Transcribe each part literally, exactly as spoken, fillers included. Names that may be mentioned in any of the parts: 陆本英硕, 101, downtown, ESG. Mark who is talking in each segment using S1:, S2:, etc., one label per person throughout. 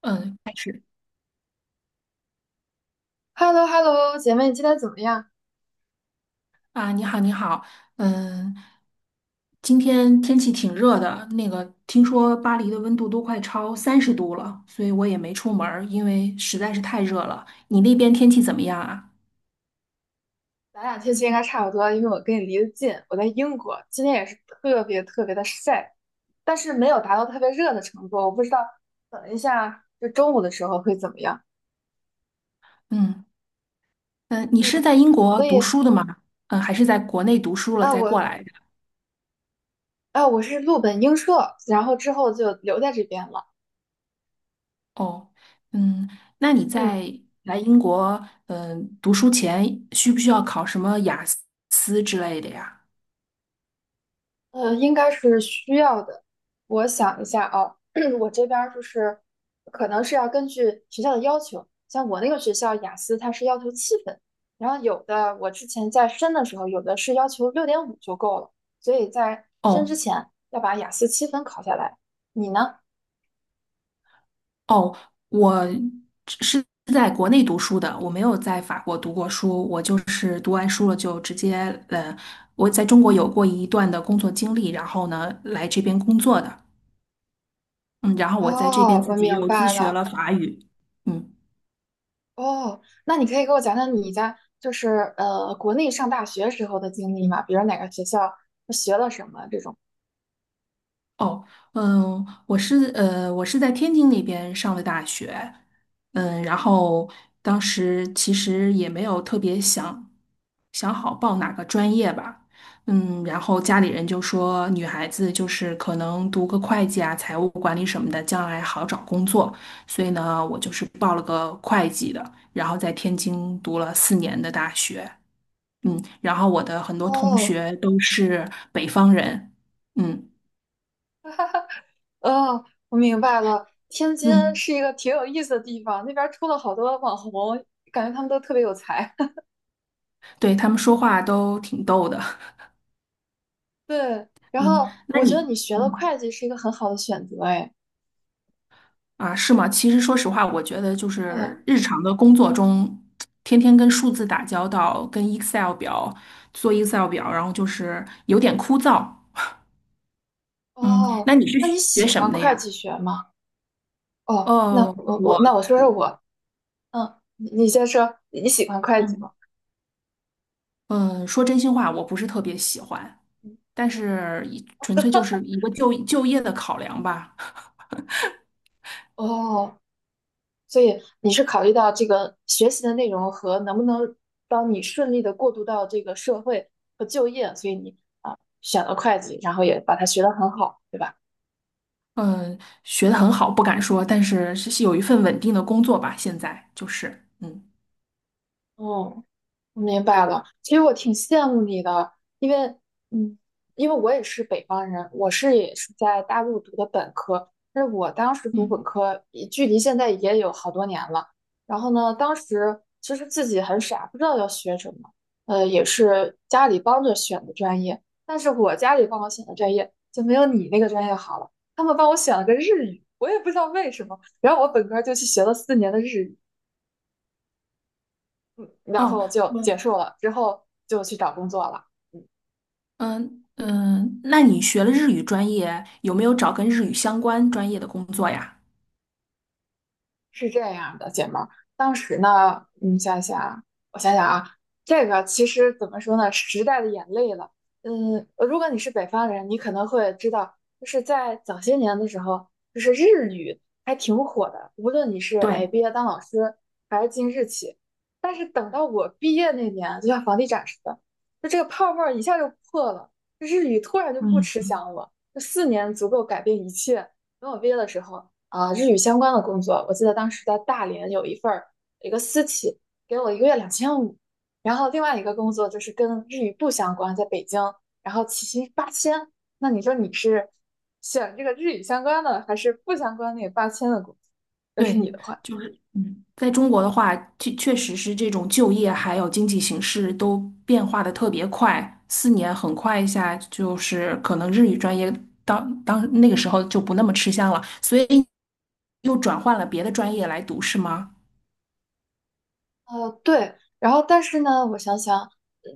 S1: 嗯，开始。
S2: h e l l o h e l l o 姐妹，你今天怎么样？
S1: 啊，你好，你好。嗯，今天天气挺热的，那个听说巴黎的温度都快超三十度了，所以我也没出门儿，因为实在是太热了。你那边天气怎么样啊？
S2: 咱俩天气应该差不多，因为我跟你离得近，我在英国，今天也是特别特别的晒，但是没有达到特别热的程度。我不知道，等一下就中午的时候会怎么样。
S1: 嗯嗯，呃你是
S2: 嗯，
S1: 在英国
S2: 所
S1: 读
S2: 以
S1: 书的吗？嗯，还是在国内读书了
S2: 啊，
S1: 再过
S2: 我
S1: 来的？
S2: 啊，我是陆本英硕，然后之后就留在这边了。
S1: 哦，嗯，那你
S2: 嗯。
S1: 在来英国嗯读书前需不需要考什么雅思之类的呀？
S2: 呃，应该是需要的。我想一下啊，我这边儿就是可能是要根据学校的要求，像我那个学校雅思它是要求七分，然后有的我之前在申的时候，有的是要求六点五就够了，所以在申
S1: 哦。
S2: 之前要把雅思七分考下来。你呢？
S1: 哦，我是在国内读书的，我没有在法国读过书，我就是读完书了就直接，呃，我在中国有过一段的工作经历，然后呢，来这边工作的。嗯，然后我在这边
S2: 哦，
S1: 自
S2: 我
S1: 己
S2: 明
S1: 又自
S2: 白
S1: 学
S2: 了。
S1: 了法语。嗯。
S2: 哦，那你可以给我讲讲你在就是呃国内上大学时候的经历吗？比如哪个学校学了什么这种？
S1: 哦，嗯，我是呃，我是在天津那边上的大学，嗯，然后当时其实也没有特别想想好报哪个专业吧，嗯，然后家里人就说女孩子就是可能读个会计啊、财务管理什么的，将来好找工作，所以呢，我就是报了个会计的，然后在天津读了四年的大学，嗯，然后我的很多同
S2: 哦，
S1: 学都是北方人，嗯
S2: 哦，我明白了。天津
S1: 嗯。
S2: 是一个挺有意思的地方，那边儿出了好多网红，感觉他们都特别有才。
S1: 对，他们说话都挺逗的。
S2: 对，然
S1: 嗯
S2: 后
S1: 那
S2: 我觉
S1: 你，
S2: 得你学了
S1: 嗯
S2: 会计是一个很好的选择，哎，
S1: 啊，是吗？其实说实话，我觉得就
S2: 对，
S1: 是日常的工作中，天天跟数字打交道，跟 Excel 表做 Excel 表，然后就是有点枯燥。嗯，
S2: 哦，
S1: 那你是
S2: 那你
S1: 学
S2: 喜
S1: 什
S2: 欢
S1: 么的
S2: 会计
S1: 呀？
S2: 学吗？哦，那
S1: 呃，
S2: 我
S1: 我，
S2: 我那我说说我，嗯，你你先说，你喜欢会计
S1: 嗯
S2: 吗？
S1: 嗯，说真心话，我不是特别喜欢，
S2: 嗯，
S1: 但是一纯粹就是一个就就业的考量吧。
S2: 哦，所以你是考虑到这个学习的内容和能不能帮你顺利的过渡到这个社会和就业，所以你啊选了会计，然后也把它学得很好，对吧？
S1: 嗯，学的很好，不敢说，但是是是有一份稳定的工作吧，现在就是，嗯。
S2: 嗯。我明白了，其实我挺羡慕你的，因为，嗯，因为我也是北方人，我是也是在大陆读的本科，但是我当时读本
S1: 嗯，
S2: 科，也距离现在也有好多年了。然后呢，当时其实自己很傻，不知道要学什么，呃，也是家里帮着选的专业，但是我家里帮我选的专业就没有你那个专业好了，他们帮我选了个日语，我也不知道为什么，然后我本科就去学了四年的日语。然
S1: 哦，
S2: 后就结
S1: 我
S2: 束了，之后就去找工作了。嗯，
S1: 嗯嗯，那你学了日语专业，有没有找跟日语相关专业的工作呀？
S2: 是这样的，姐妹儿，当时呢，你想想，我想想啊，这个其实怎么说呢，时代的眼泪了。嗯，如果你是北方人，你可能会知道，就是在早些年的时候，就是日语还挺火的，无论你是哎
S1: 对，
S2: 毕业当老师，还是进日企。但是等到我毕业那年，就像房地产似的，就这个泡沫儿一下就破了，就日语突然就不吃
S1: 嗯，
S2: 香了。就四年足够改变一切。等我毕业的时候。啊，日语相关的工作。我记得当时在大连有一份儿，一个私企给我一个月两千五，然后另外一个工作就是跟日语不相关，在北京，然后起薪八千。那你说你是选这个日语相关的，还是不相关那个八千的工作？要是
S1: 对，
S2: 你的话，
S1: 就是嗯，在中国的话，确确实是这种就业还有经济形势都变化的特别快，四年很快一下，就是可能日语专业当当那个时候就不那么吃香了，所以又转换了别的专业来读，是吗？
S2: 呃，对，然后但是呢，我想想，呃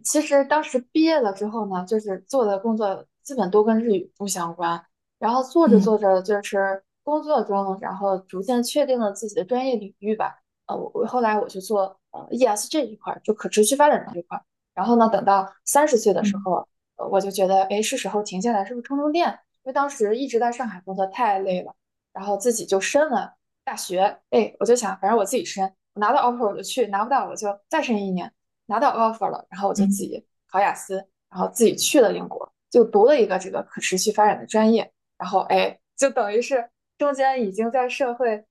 S2: 其实当时毕业了之后呢，就是做的工作基本都跟日语不相关，然后做着做
S1: 嗯
S2: 着就是工作中，然后逐渐确定了自己的专业领域吧。呃，我我后来我去做呃 E S G 这一块儿，就可持续发展这一块儿。然后呢，等到三十岁的时
S1: 嗯
S2: 候，呃我就觉得，哎，是时候停下来，是不是充充电？因为当时一直在上海工作太累了，然后自己就申了大学，哎，我就想，反正我自己申，我拿到 offer 我就去，拿不到我就再申一年，拿到 offer 了，然后我就自
S1: 嗯。
S2: 己考雅思，然后自己去了英国，就读了一个这个可持续发展的专业，然后哎，就等于是中间已经在社会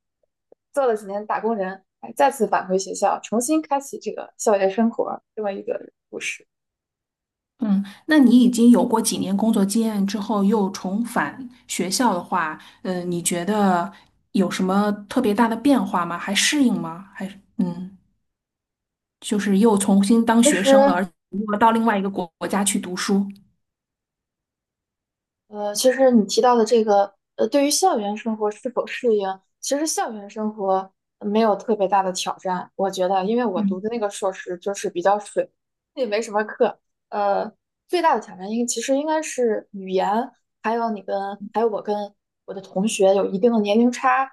S2: 做了几年打工人，哎，再次返回学校，重新开启这个校园生活，这么一个故事。
S1: 嗯，那你已经有过几年工作经验之后，又重返学校的话，嗯，你觉得有什么特别大的变化吗？还适应吗？还是嗯，就是又重新当
S2: 其
S1: 学
S2: 实
S1: 生了，而且又到另外一个国国家去读书。
S2: 呃，其实你提到的这个，呃，对于校园生活是否适应，其实校园生活没有特别大的挑战，我觉得，因为我读
S1: 嗯
S2: 的那个硕士就是比较水，也没什么课。呃，最大的挑战应其实应该是语言，还有你跟还有我跟我的同学有一定的年龄差，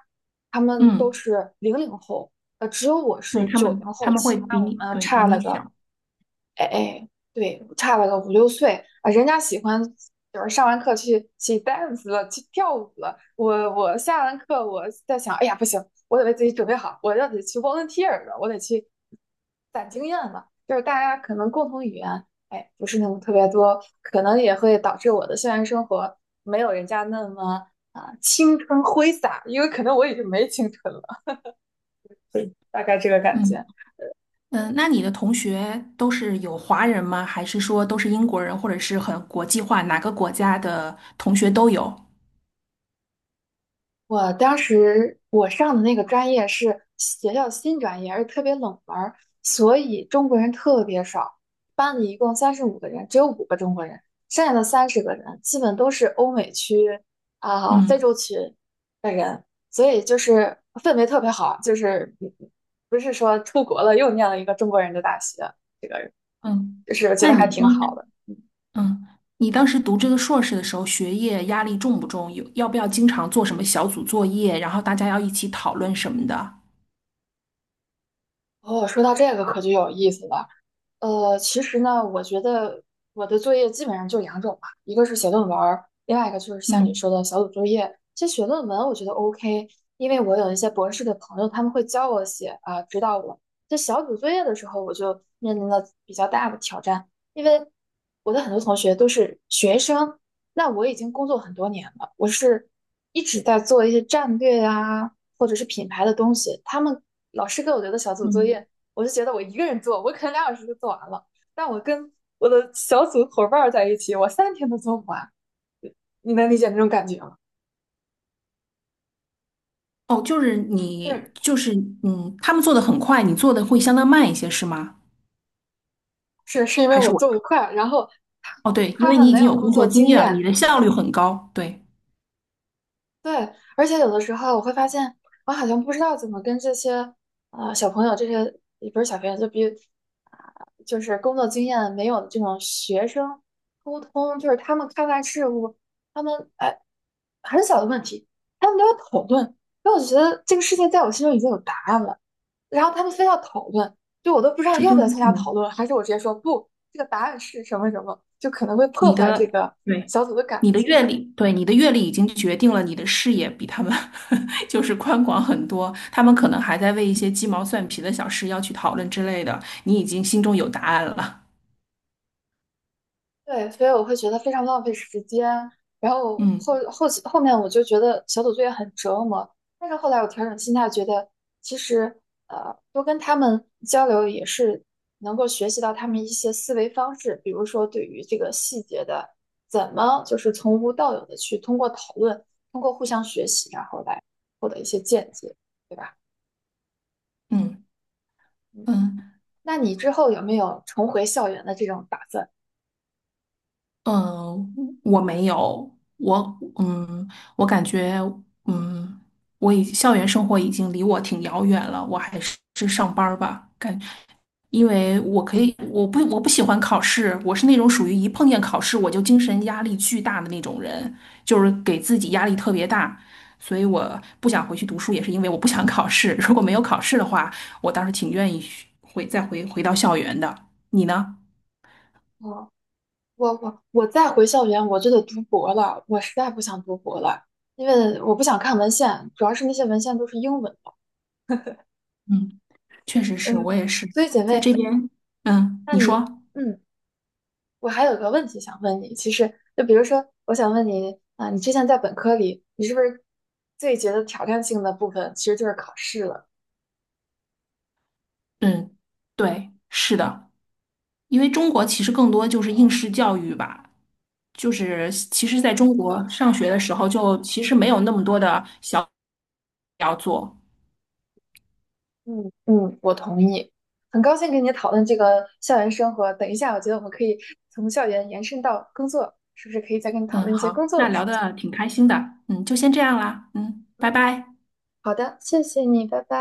S2: 他们都
S1: 嗯，
S2: 是零零后，呃，只有我
S1: 对，
S2: 是
S1: 他
S2: 九零
S1: 们他
S2: 后
S1: 们会
S2: 起，那
S1: 比
S2: 我
S1: 你
S2: 们
S1: 对比
S2: 差了
S1: 你小。
S2: 个。
S1: 嗯
S2: 哎哎，对，差了个五六岁啊，人家喜欢就是上完课去去 dance 了，去跳舞了。我我下完课我在想，哎呀不行，我得为自己准备好，我要得去 volunteer 了，我得去攒经验了。就是大家可能共同语言，哎，不是那么特别多，可能也会导致我的校园生活没有人家那么啊青春挥洒，因为可能我已经没青春了，对，大概这个感觉。
S1: 嗯，呃那你的同学都是有华人吗？还是说都是英国人，或者是很国际化，哪个国家的同学都有？
S2: 我当时我上的那个专业是学校新专业，而且特别冷门儿，所以中国人特别少。班里一共三十五个人，只有五个中国人，剩下的三十个人基本都是欧美区啊、非
S1: 嗯
S2: 洲区的人，所以就是氛围特别好，就是嗯不是说出国了又念了一个中国人的大学，这个
S1: 嗯。
S2: 就是觉
S1: 那
S2: 得
S1: 你
S2: 还挺
S1: 光
S2: 好的。
S1: 嗯，你当时读这个硕士的时候，学业压力重不重？有，要不要经常做什么小组作业，然后大家要一起讨论什么的？
S2: 哦，说到这个可就有意思了。呃，其实呢，我觉得我的作业基本上就两种吧，一个是写论文儿另外一个就是像你
S1: 嗯
S2: 说的小组作业。其实写论文我觉得 O K，因为我有一些博士的朋友，他们会教我写啊，指导我。在小组作业的时候，我就面临了比较大的挑战，因为我的很多同学都是学生，那我已经工作很多年了，我是一直在做一些战略啊，或者是品牌的东西。他们老师给我留的小组作
S1: 嗯，
S2: 业。我就觉得我一个人做，我可能两小时就做完了，但我跟我的小组伙伴在一起，我三天都做不完。你能理解那种感觉吗？
S1: 哦，就是你，
S2: 是，
S1: 就是嗯，他们做的很快，你做的会相当慢一些，是吗？
S2: 是，是，因为
S1: 还是
S2: 我
S1: 我？
S2: 做的快，然后他
S1: 哦，对，因
S2: 他
S1: 为
S2: 们
S1: 你已
S2: 没
S1: 经
S2: 有
S1: 有
S2: 工
S1: 工作
S2: 作
S1: 经
S2: 经
S1: 验了，你
S2: 验，
S1: 的效率很高。对，
S2: 对，而且有的时候我会发现，我好像不知道怎么跟这些呃小朋友，这些也不是小朋友，就比啊、就是工作经验没有的这种学生沟通，就是他们看待事物，他们哎很小的问题，他们都要讨论。因为我觉得这个事情在我心中已经有答案了，然后他们非要讨论，就我都不知道
S1: 这
S2: 要
S1: 就
S2: 不
S1: 是
S2: 要参加讨
S1: 嗯。
S2: 论，还是我直接说不，这个答案是什么什么，就可能会破
S1: 你
S2: 坏这
S1: 的
S2: 个
S1: 对，
S2: 小组的感
S1: 你的
S2: 觉。
S1: 阅历，对，你的阅历已经决定了你的视野比他们 就是宽广很多。他们可能还在为一些鸡毛蒜皮的小事要去讨论之类的，你已经心中有答案了。
S2: 对，所以我会觉得非常浪费时间。然后后
S1: 嗯
S2: 后期后面我就觉得小组作业很折磨，但是后来我调整心态，觉得其实呃多跟他们交流也是能够学习到他们一些思维方式，比如说对于这个细节的怎么就是从无到有的去通过讨论，通过互相学习，然后来获得一些见解，对吧？
S1: 嗯
S2: 嗯，
S1: 嗯，
S2: 那你之后有没有重回校园的这种打算？
S1: 嗯，我没有，我嗯，我感觉嗯，我已校园生活已经离我挺遥远了，我还是是上班儿吧，感，因为我可以，我不我不喜欢考试，我是那种属于一碰见考试我就精神压力巨大的那种人，就是给自己压力特别大，所以我不想回去读书，也是因为我不想考试。如果没有考试的话，我倒是挺愿意去回再回回到校园的。你呢？
S2: 我我我再回校园，我就得读博了。我实在不想读博了，因为我不想看文献，主要是那些文献都是英文的。
S1: 嗯。确实是我
S2: 嗯，
S1: 也是
S2: 所以姐
S1: 在这
S2: 妹，
S1: 边，嗯，
S2: 那
S1: 你说，
S2: 你，嗯，我还有个问题想问你。其实，就比如说，我想问你啊，你之前在本科里，你是不是最觉得挑战性的部分其实就是考试了？
S1: 嗯，对，是的，因为中国其实更多就是应
S2: 啊，
S1: 试教育吧，就是其实在中
S2: 是的，
S1: 国上学的时候就其实没有那么多的小要做，
S2: 嗯嗯，我同意。很高兴跟你讨论这个校园生活。等一下，我觉得我们可以从校园延伸到工作，是不是可以再跟你讨
S1: 嗯，
S2: 论一些
S1: 好，
S2: 工作
S1: 那
S2: 的
S1: 聊
S2: 事情？
S1: 的挺开心的，嗯，就先这样啦，嗯，拜
S2: 嗯，
S1: 拜。
S2: 好的，谢谢你，拜拜。